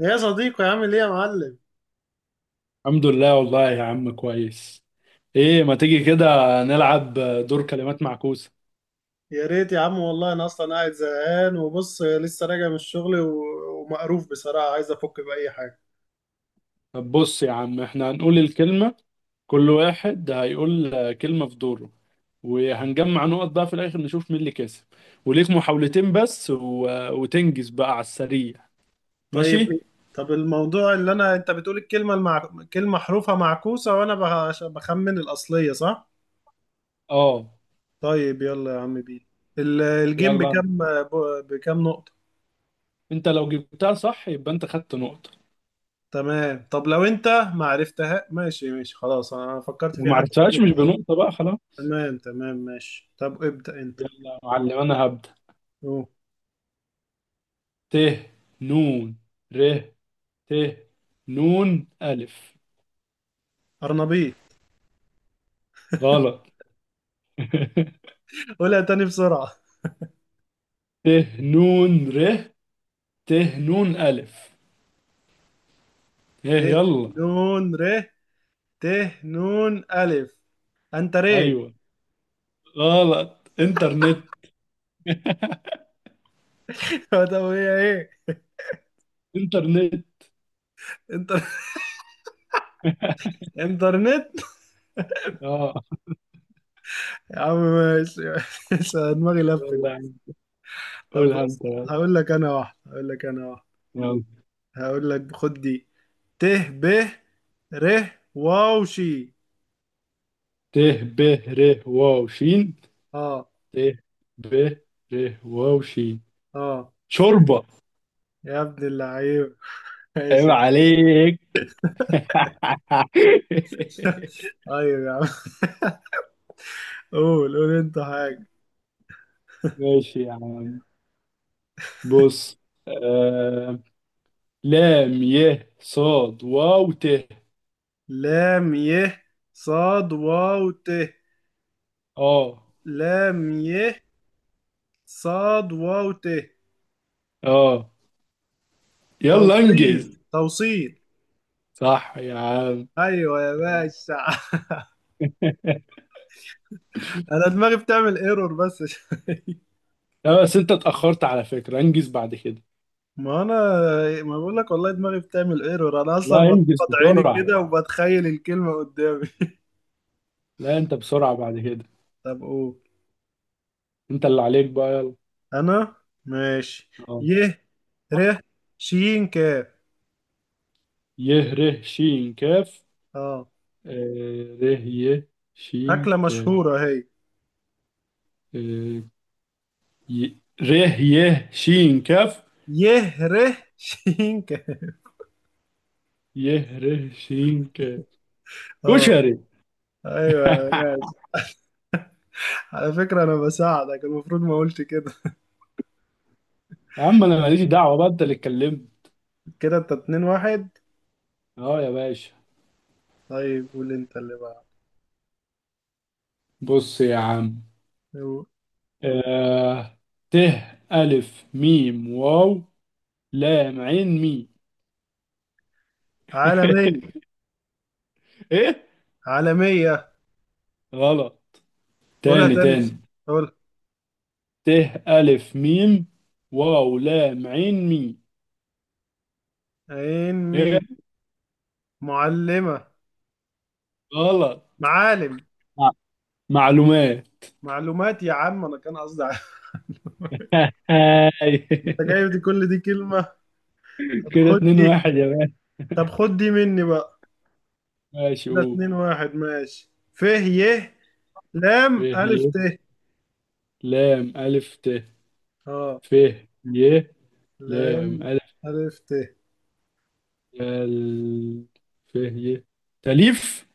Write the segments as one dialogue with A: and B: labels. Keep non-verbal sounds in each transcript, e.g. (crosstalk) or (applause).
A: يا صديقي، عامل ايه يا معلم؟
B: الحمد لله والله يا عم كويس. ايه ما تيجي كده نلعب دور كلمات معكوسة.
A: يا ريت يا عم، والله انا اصلا قاعد زهقان، وبص لسه راجع من الشغل ومقروف بصراحه، عايز افك باي حاجه.
B: طب بص يا عم، احنا هنقول الكلمة، كل واحد هيقول كلمة في دوره، وهنجمع نقط بقى في الاخر نشوف مين اللي كسب. وليك محاولتين بس و... وتنجز بقى على السريع.
A: طيب
B: ماشي.
A: إيه؟ طب الموضوع اللي انت بتقول الكلمه كلمه حروفها معكوسه، وانا بخمن الاصليه، صح؟
B: اه
A: طيب يلا يا عم بيه. الجيم
B: يلا.
A: بكام، بكام نقطه؟
B: انت لو جبتها صح يبقى انت خدت نقطة،
A: تمام، طب لو انت ما عرفتها، ماشي ماشي خلاص، انا فكرت
B: لو
A: في
B: ما
A: حد
B: عرفتهاش
A: تالت.
B: مش بنقطة بقى، خلاص.
A: تمام تمام، ماشي، طب ابدأ انت.
B: يلا يا معلم انا هبدأ.
A: اوه.
B: ت، نون، ر، ت، نون ألف.
A: ارنبيط.
B: غلط. (laughs)
A: (laughs) قولها تاني بسرعه.
B: ت، نون ر، ت، نون ألف.
A: ت
B: ايه يلا.
A: نون ر ت نون ألف. أنت ري.
B: ايوه. غلط، انترنت.
A: (laughs) طب هي إيه؟
B: انترنت.
A: انت. انترنت.
B: اه.
A: يا عم ماشي ماشي. أنا دماغي لفت.
B: يلا يا عم،
A: طب
B: قولها انت
A: بص.
B: بقى.
A: هقول لك أنا واحدة، هقول لك أنا واحدة.
B: يلا.
A: هقول لك خد دي. ت ب ر واو شي.
B: ت، ب، ر، واو شين.
A: اه،
B: ت، ب، ر، واو شين.
A: اه.
B: شوربة.
A: يا ابن اللعيب! (laughs) ماشي
B: عيب
A: يا
B: عليك.
A: عم. (laughs)
B: (laughs)
A: طيب يا عم، قول قول انت حاجة.
B: ماشي يا عم. بص. آه... لام ي صاد واو ت.
A: لام ي صاد واو ت.
B: اه.
A: لام ي صاد واو ت.
B: اه. يلا
A: توصيل،
B: انجز.
A: توصيل!
B: صح يا عم.
A: ايوه يا باشا. (laughs)
B: (laughs)
A: انا دماغي بتعمل ايرور بس شوية.
B: لا بس انت اتأخرت على فكرة، انجز بعد كده.
A: ما انا، ما بقول لك، والله دماغي بتعمل ايرور، انا اصلا
B: لا انجز
A: بغمض عيني
B: بسرعة.
A: كده وبتخيل الكلمه قدامي.
B: لا انت بسرعة بعد كده.
A: (laughs) طب قول.
B: انت اللي عليك بقى يلا.
A: انا. ماشي.
B: اه.
A: ي ر ش ك.
B: يه ره شين كاف.
A: اه.
B: ره يه شين
A: اكله
B: كاف.
A: مشهوره هي؟
B: آه، ره يه شين كاف.
A: ي ر ش ك.
B: يه ره شين كاف.
A: (laughs) اه.
B: كشري. (laughs)
A: ايوه يا باشا، على فكره انا بساعدك، المفروض ما قلت كده.
B: يا عم انا ماليش دعوة بقى، انت اللي اتكلمت.
A: (laughs) كده انت 2-1.
B: اه يا باشا.
A: طيب قول انت اللي بقى.
B: بص يا عم. آه ت، ألف ميم واو، لام عين مي.
A: عالمية.
B: (laughs) إيه.
A: عالمية.
B: غلط.
A: قولها
B: تاني
A: تاني بس،
B: تاني.
A: قول.
B: ت، ألف ميم واو، لام عين مي.
A: عين
B: إيه.
A: مين. معلمة.
B: غلط.
A: معالم.
B: مع- معلومات.
A: معلومات؟ يا عم انا كان قصدي عالم.
B: (laughs) هاي.
A: (laughs) انت جايب دي، كل دي كلمة! طب
B: كده
A: خد
B: اتنين
A: دي.
B: واحد يا مان.
A: طب خد دي مني بقى.
B: ماشي
A: ده
B: قول.
A: 2-1، ماشي، ف ي لام
B: ف
A: ألف
B: ي،
A: ت.
B: لام ألف ت.
A: اه.
B: ف ي، لام
A: لام
B: ألف.
A: ألف ت.
B: ال ف ي. تأليف.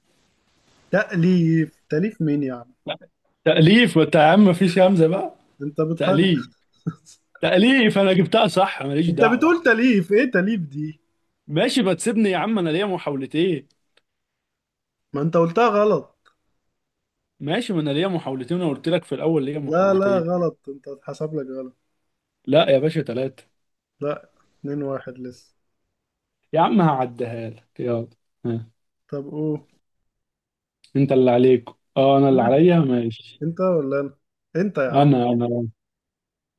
A: تأليف. تأليف مين يا عم؟
B: لا، تأليف. وانت يا عم مفيش همزة بقى؟
A: انت بتهجر!
B: تأليف.
A: (laughs)
B: تأليف انا جبتها صح، ماليش
A: انت
B: دعوة.
A: بتقول تأليف، ايه تأليف دي؟
B: ماشي، ما تسيبني يا عم، انا ليا محاولتين.
A: ما انت قلتها غلط!
B: ماشي، ما انا ليا محاولتين، انا قلت لك في الاول ليا
A: لا، لا،
B: محاولتين.
A: غلط، انت اتحسب لك غلط.
B: لا يا باشا، ثلاثة.
A: لا، 2-1 لسه.
B: يا عم هعديها لك، يلا. ها.
A: طب قول.
B: انت اللي عليك. اه انا اللي
A: لا،
B: عليا، ماشي.
A: انت ولا انا؟ انت يا عم.
B: انا انا.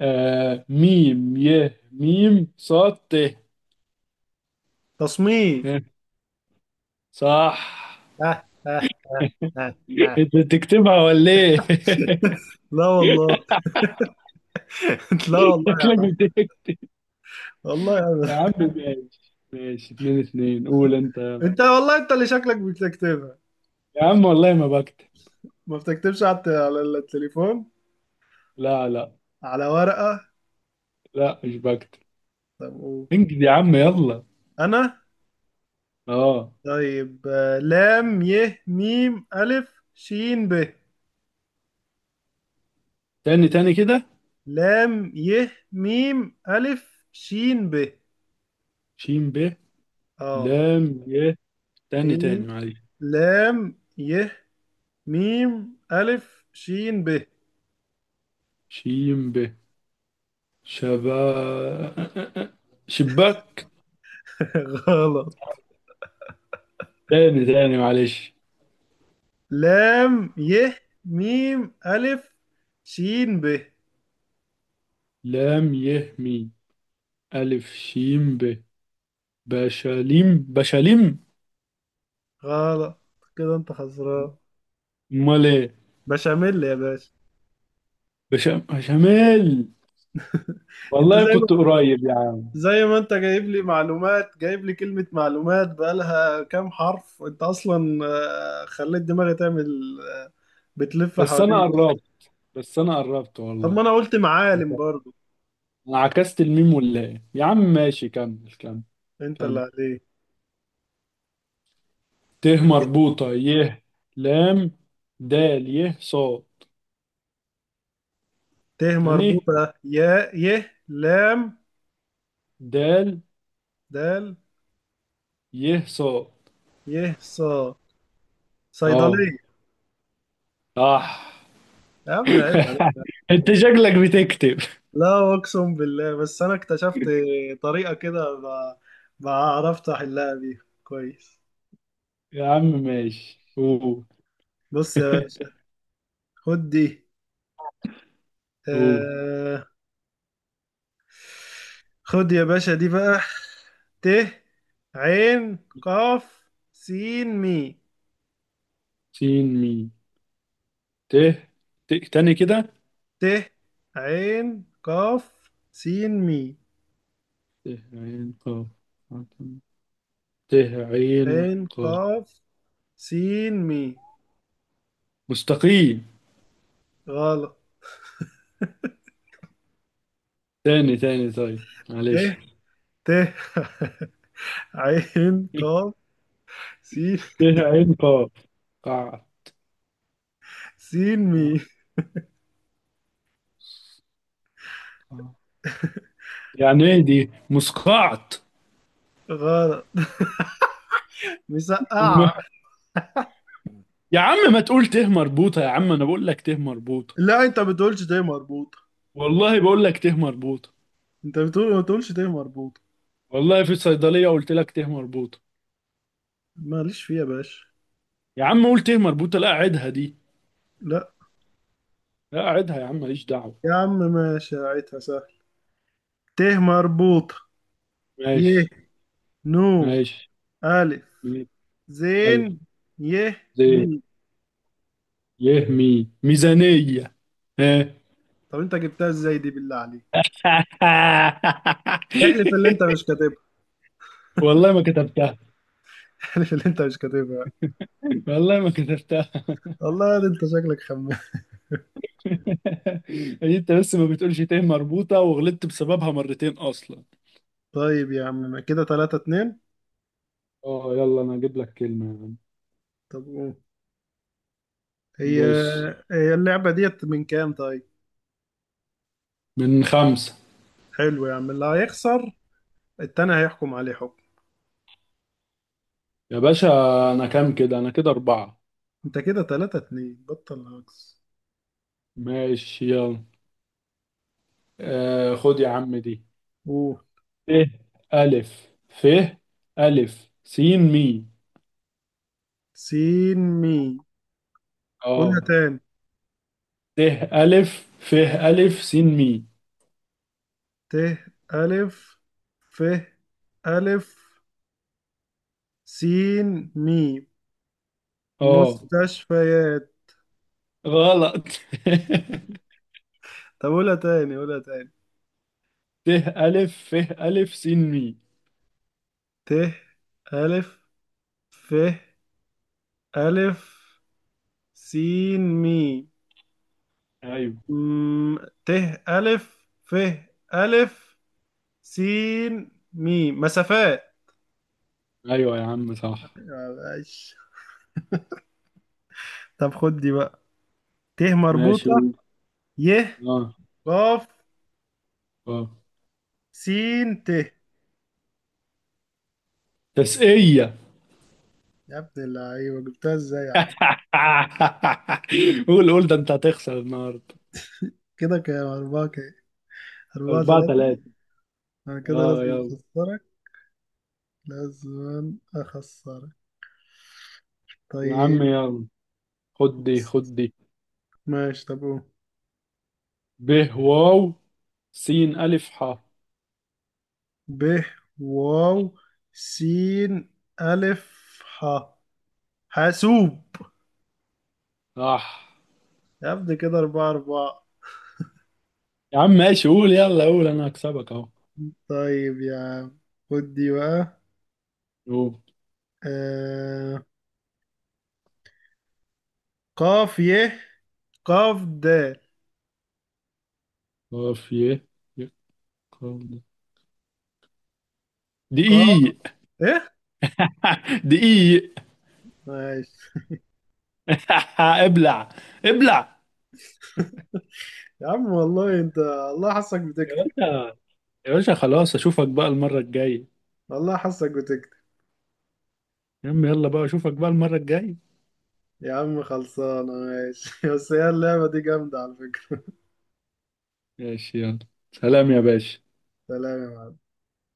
B: ميم ي ميم صاد ت.
A: تصميم.
B: ها، صح.
A: ها ها ها ها ها.
B: انت بتكتبها ولا ايه؟
A: لا والله. (laughs) لا
B: (laughs)
A: والله.
B: شكلك بتكتب.
A: والله يا عم.
B: يا عم ماشي ماشي، 2-2، قول انت.
A: انت، والله، انت اللي شكلك بتكتبها.
B: يا عم والله ما بكتب.
A: ما بتكتبش على على التليفون؟
B: لا لا.
A: على ورقة؟
B: لا مش بكتب.
A: طب قول.
B: انجز يا عم يلا.
A: انا.
B: اه.
A: طيب، لام ي ميم الف شين ب.
B: تاني تاني كده.
A: لام ي ميم الف شين ب.
B: شين ب،
A: اه.
B: لام ي. تاني تاني
A: ميم
B: معلش.
A: لام ي ميم ألف شين ب.
B: شين ب. شبا. شباك.
A: (laughs) غلط.
B: تاني تاني معلش.
A: لام ي ميم ألف شين ب.
B: لام ي مي، ألف شين ب. بشاليم بشاليم.
A: غلط، كده انت خسران.
B: امال ايه؟
A: بشاميل يا باشا.
B: بشاميل.
A: انت
B: والله
A: زي
B: كنت
A: ما
B: قريب يا عم.
A: زي ما انت جايب لي معلومات، جايب لي كلمة معلومات بقالها كام حرف، انت اصلا خليت دماغي تعمل بتلف
B: بس انا
A: حوالين.
B: قربت، بس انا قربت
A: طب ما
B: والله.
A: انا قلت معالم برضو.
B: انا عكست الميم ولا ايه؟ يا عم ماشي، كمل كمل.
A: انت اللي
B: كمل.
A: عليك.
B: ت مربوطة ي، لام، دال ي صا.
A: ت
B: تاني.
A: مربوطة يا ي لام
B: دال
A: دال
B: ي صا.
A: يه صا.
B: اه.
A: صيدلية.
B: صح.
A: يا ابني عيب عليك!
B: (laughs) انت شكلك بتكتب.
A: لا، اقسم بالله، بس انا اكتشفت طريقة كده، بعرفت احلها بيها كويس.
B: يا عم ماشي، قول.
A: بص يا باشا، خد دي.
B: قول.
A: آه خد يا باشا دي بقى. ت عين قاف سين مي.
B: سين ميم. ت. ت تاني كده.
A: ت عين قاف سين مي.
B: ت، عين قاف. ت، عين
A: عين
B: قاف.
A: قاف سين مي.
B: مستقيم.
A: غلط.
B: تاني تاني طيب
A: ت
B: معلش.
A: ت (laughs) عين قاف سين.
B: ت، عين قاف. قاع
A: سين
B: قاع-
A: مي.
B: قاع. يعني ايه دي، مسقعت؟
A: غلط. مسقعة.
B: (laughs) يا عم ما تقول ته مربوطة، يا عم أنا بقول لك ته مربوطة.
A: لا، انت ما بتقولش ده مربوطة.
B: والله بقول لك ته مربوطة.
A: انت بتقول ما تقولش ده مربوطة.
B: والله في الصيدلية قلت لك ته مربوطة.
A: ماليش فيها يا باشا.
B: يا عم قول ته مربوطة، لا أعدها دي.
A: لا.
B: لا أعدها يا عم، ماليش دعوة.
A: يا عم ماشي، عيتها سهل. ت مربوطة. ي.
B: ماشي.
A: نو.
B: ماشي.
A: ألف.
B: مية.
A: زين.
B: ألف.
A: ي. مي.
B: زين. يه مي، ميزانية. ها.
A: طب انت جبتها ازاي دي، بالله عليك؟ احلف اللي
B: (laughs)
A: انت مش كاتبها.
B: والله ما كتبتها.
A: (laughs) احلف اللي انت مش كاتبها.
B: والله ما كتبتها.
A: والله ده انت شكلك خمام.
B: (laughs) هي انت بس ما بتقولش ته مربوطة، وغلطت بسببها مرتين اصلا.
A: طيب يا عم كده 3-2.
B: اه يلا انا اجيب لك كلمة يا عم.
A: طب قول. هي
B: بص.
A: هي اللعبة ديت من كام طيب؟
B: من خمسة.
A: حلو يا عم، اللي هيخسر التاني هيحكم عليه حكم.
B: يا باشا، أنا كام كده؟ أنا كده أربعة.
A: انت كده 3-2، بطل هجص.
B: ماشي يلا. خد يا عم دي.
A: اوه.
B: ت، ألف، ف، ألف س، مي.
A: سين مي. قولها
B: اه.
A: تاني.
B: ت، ألف، ف، ألف س مي.
A: ت ألف ف ألف سين مي.
B: اه.
A: مستشفيات.
B: غلط.
A: طب قولها تاني، قولها تاني.
B: (laughs) ت، ألف ف ألف س مي.
A: ت ألف ف ألف سين مي.
B: أيوه.
A: م- ت ألف ف ألف سين ميم. مسافات
B: أيوه يا عم صح.
A: يا باشا. طب خد دي بقى. ت
B: ماشي
A: مربوطة.
B: قول.
A: ي
B: اه.
A: قاف
B: اه.
A: سين ت. يا
B: تسقية. (laughs)
A: ابن اللعيبة، جبتها ازاي يا عم؟
B: قول قول، ده أنت هتخسر النهاردة.
A: كده كام، أربعة كام؟ أربعة
B: أربعة
A: تلاتة
B: تلاتة
A: أنا كده
B: اه
A: لازم
B: يلا.
A: أخسرك. لازم أخسرك.
B: يا
A: طيب،
B: عم يلا، خد دي خد دي.
A: ماشي. طب قول.
B: ب، واو، س ألف ح.
A: ب واو سين ألف ح. حاسوب.
B: صح.
A: يا ابني، كده 4-4.
B: يا عم ماشي قول، يلا قول، أنا هكسبك أهو.
A: طيب يا عم، خد دي بقى.
B: قول.
A: آه... قاف يه قاف د.
B: قاف ي. ي- قاف د.
A: قاف
B: دقيق.
A: ايه؟
B: دقيق.
A: ماشي.
B: (laughs) ابلع، ابلع.
A: يا عم والله، انت الله حاسك
B: يا
A: بتكتب.
B: باشا، يا باشا خلاص، أشوفك بقى المرة الجاية.
A: والله حاسك بتكتب.
B: يا عم يلا بقى، أشوفك بقى المرة الجاية.
A: يا عم خلصانه، ماشي. (laughs) بس هي اللعبه دي جامده على فكره.
B: ماشي يلا. سلام يا باشا.
A: سلام يا معلم.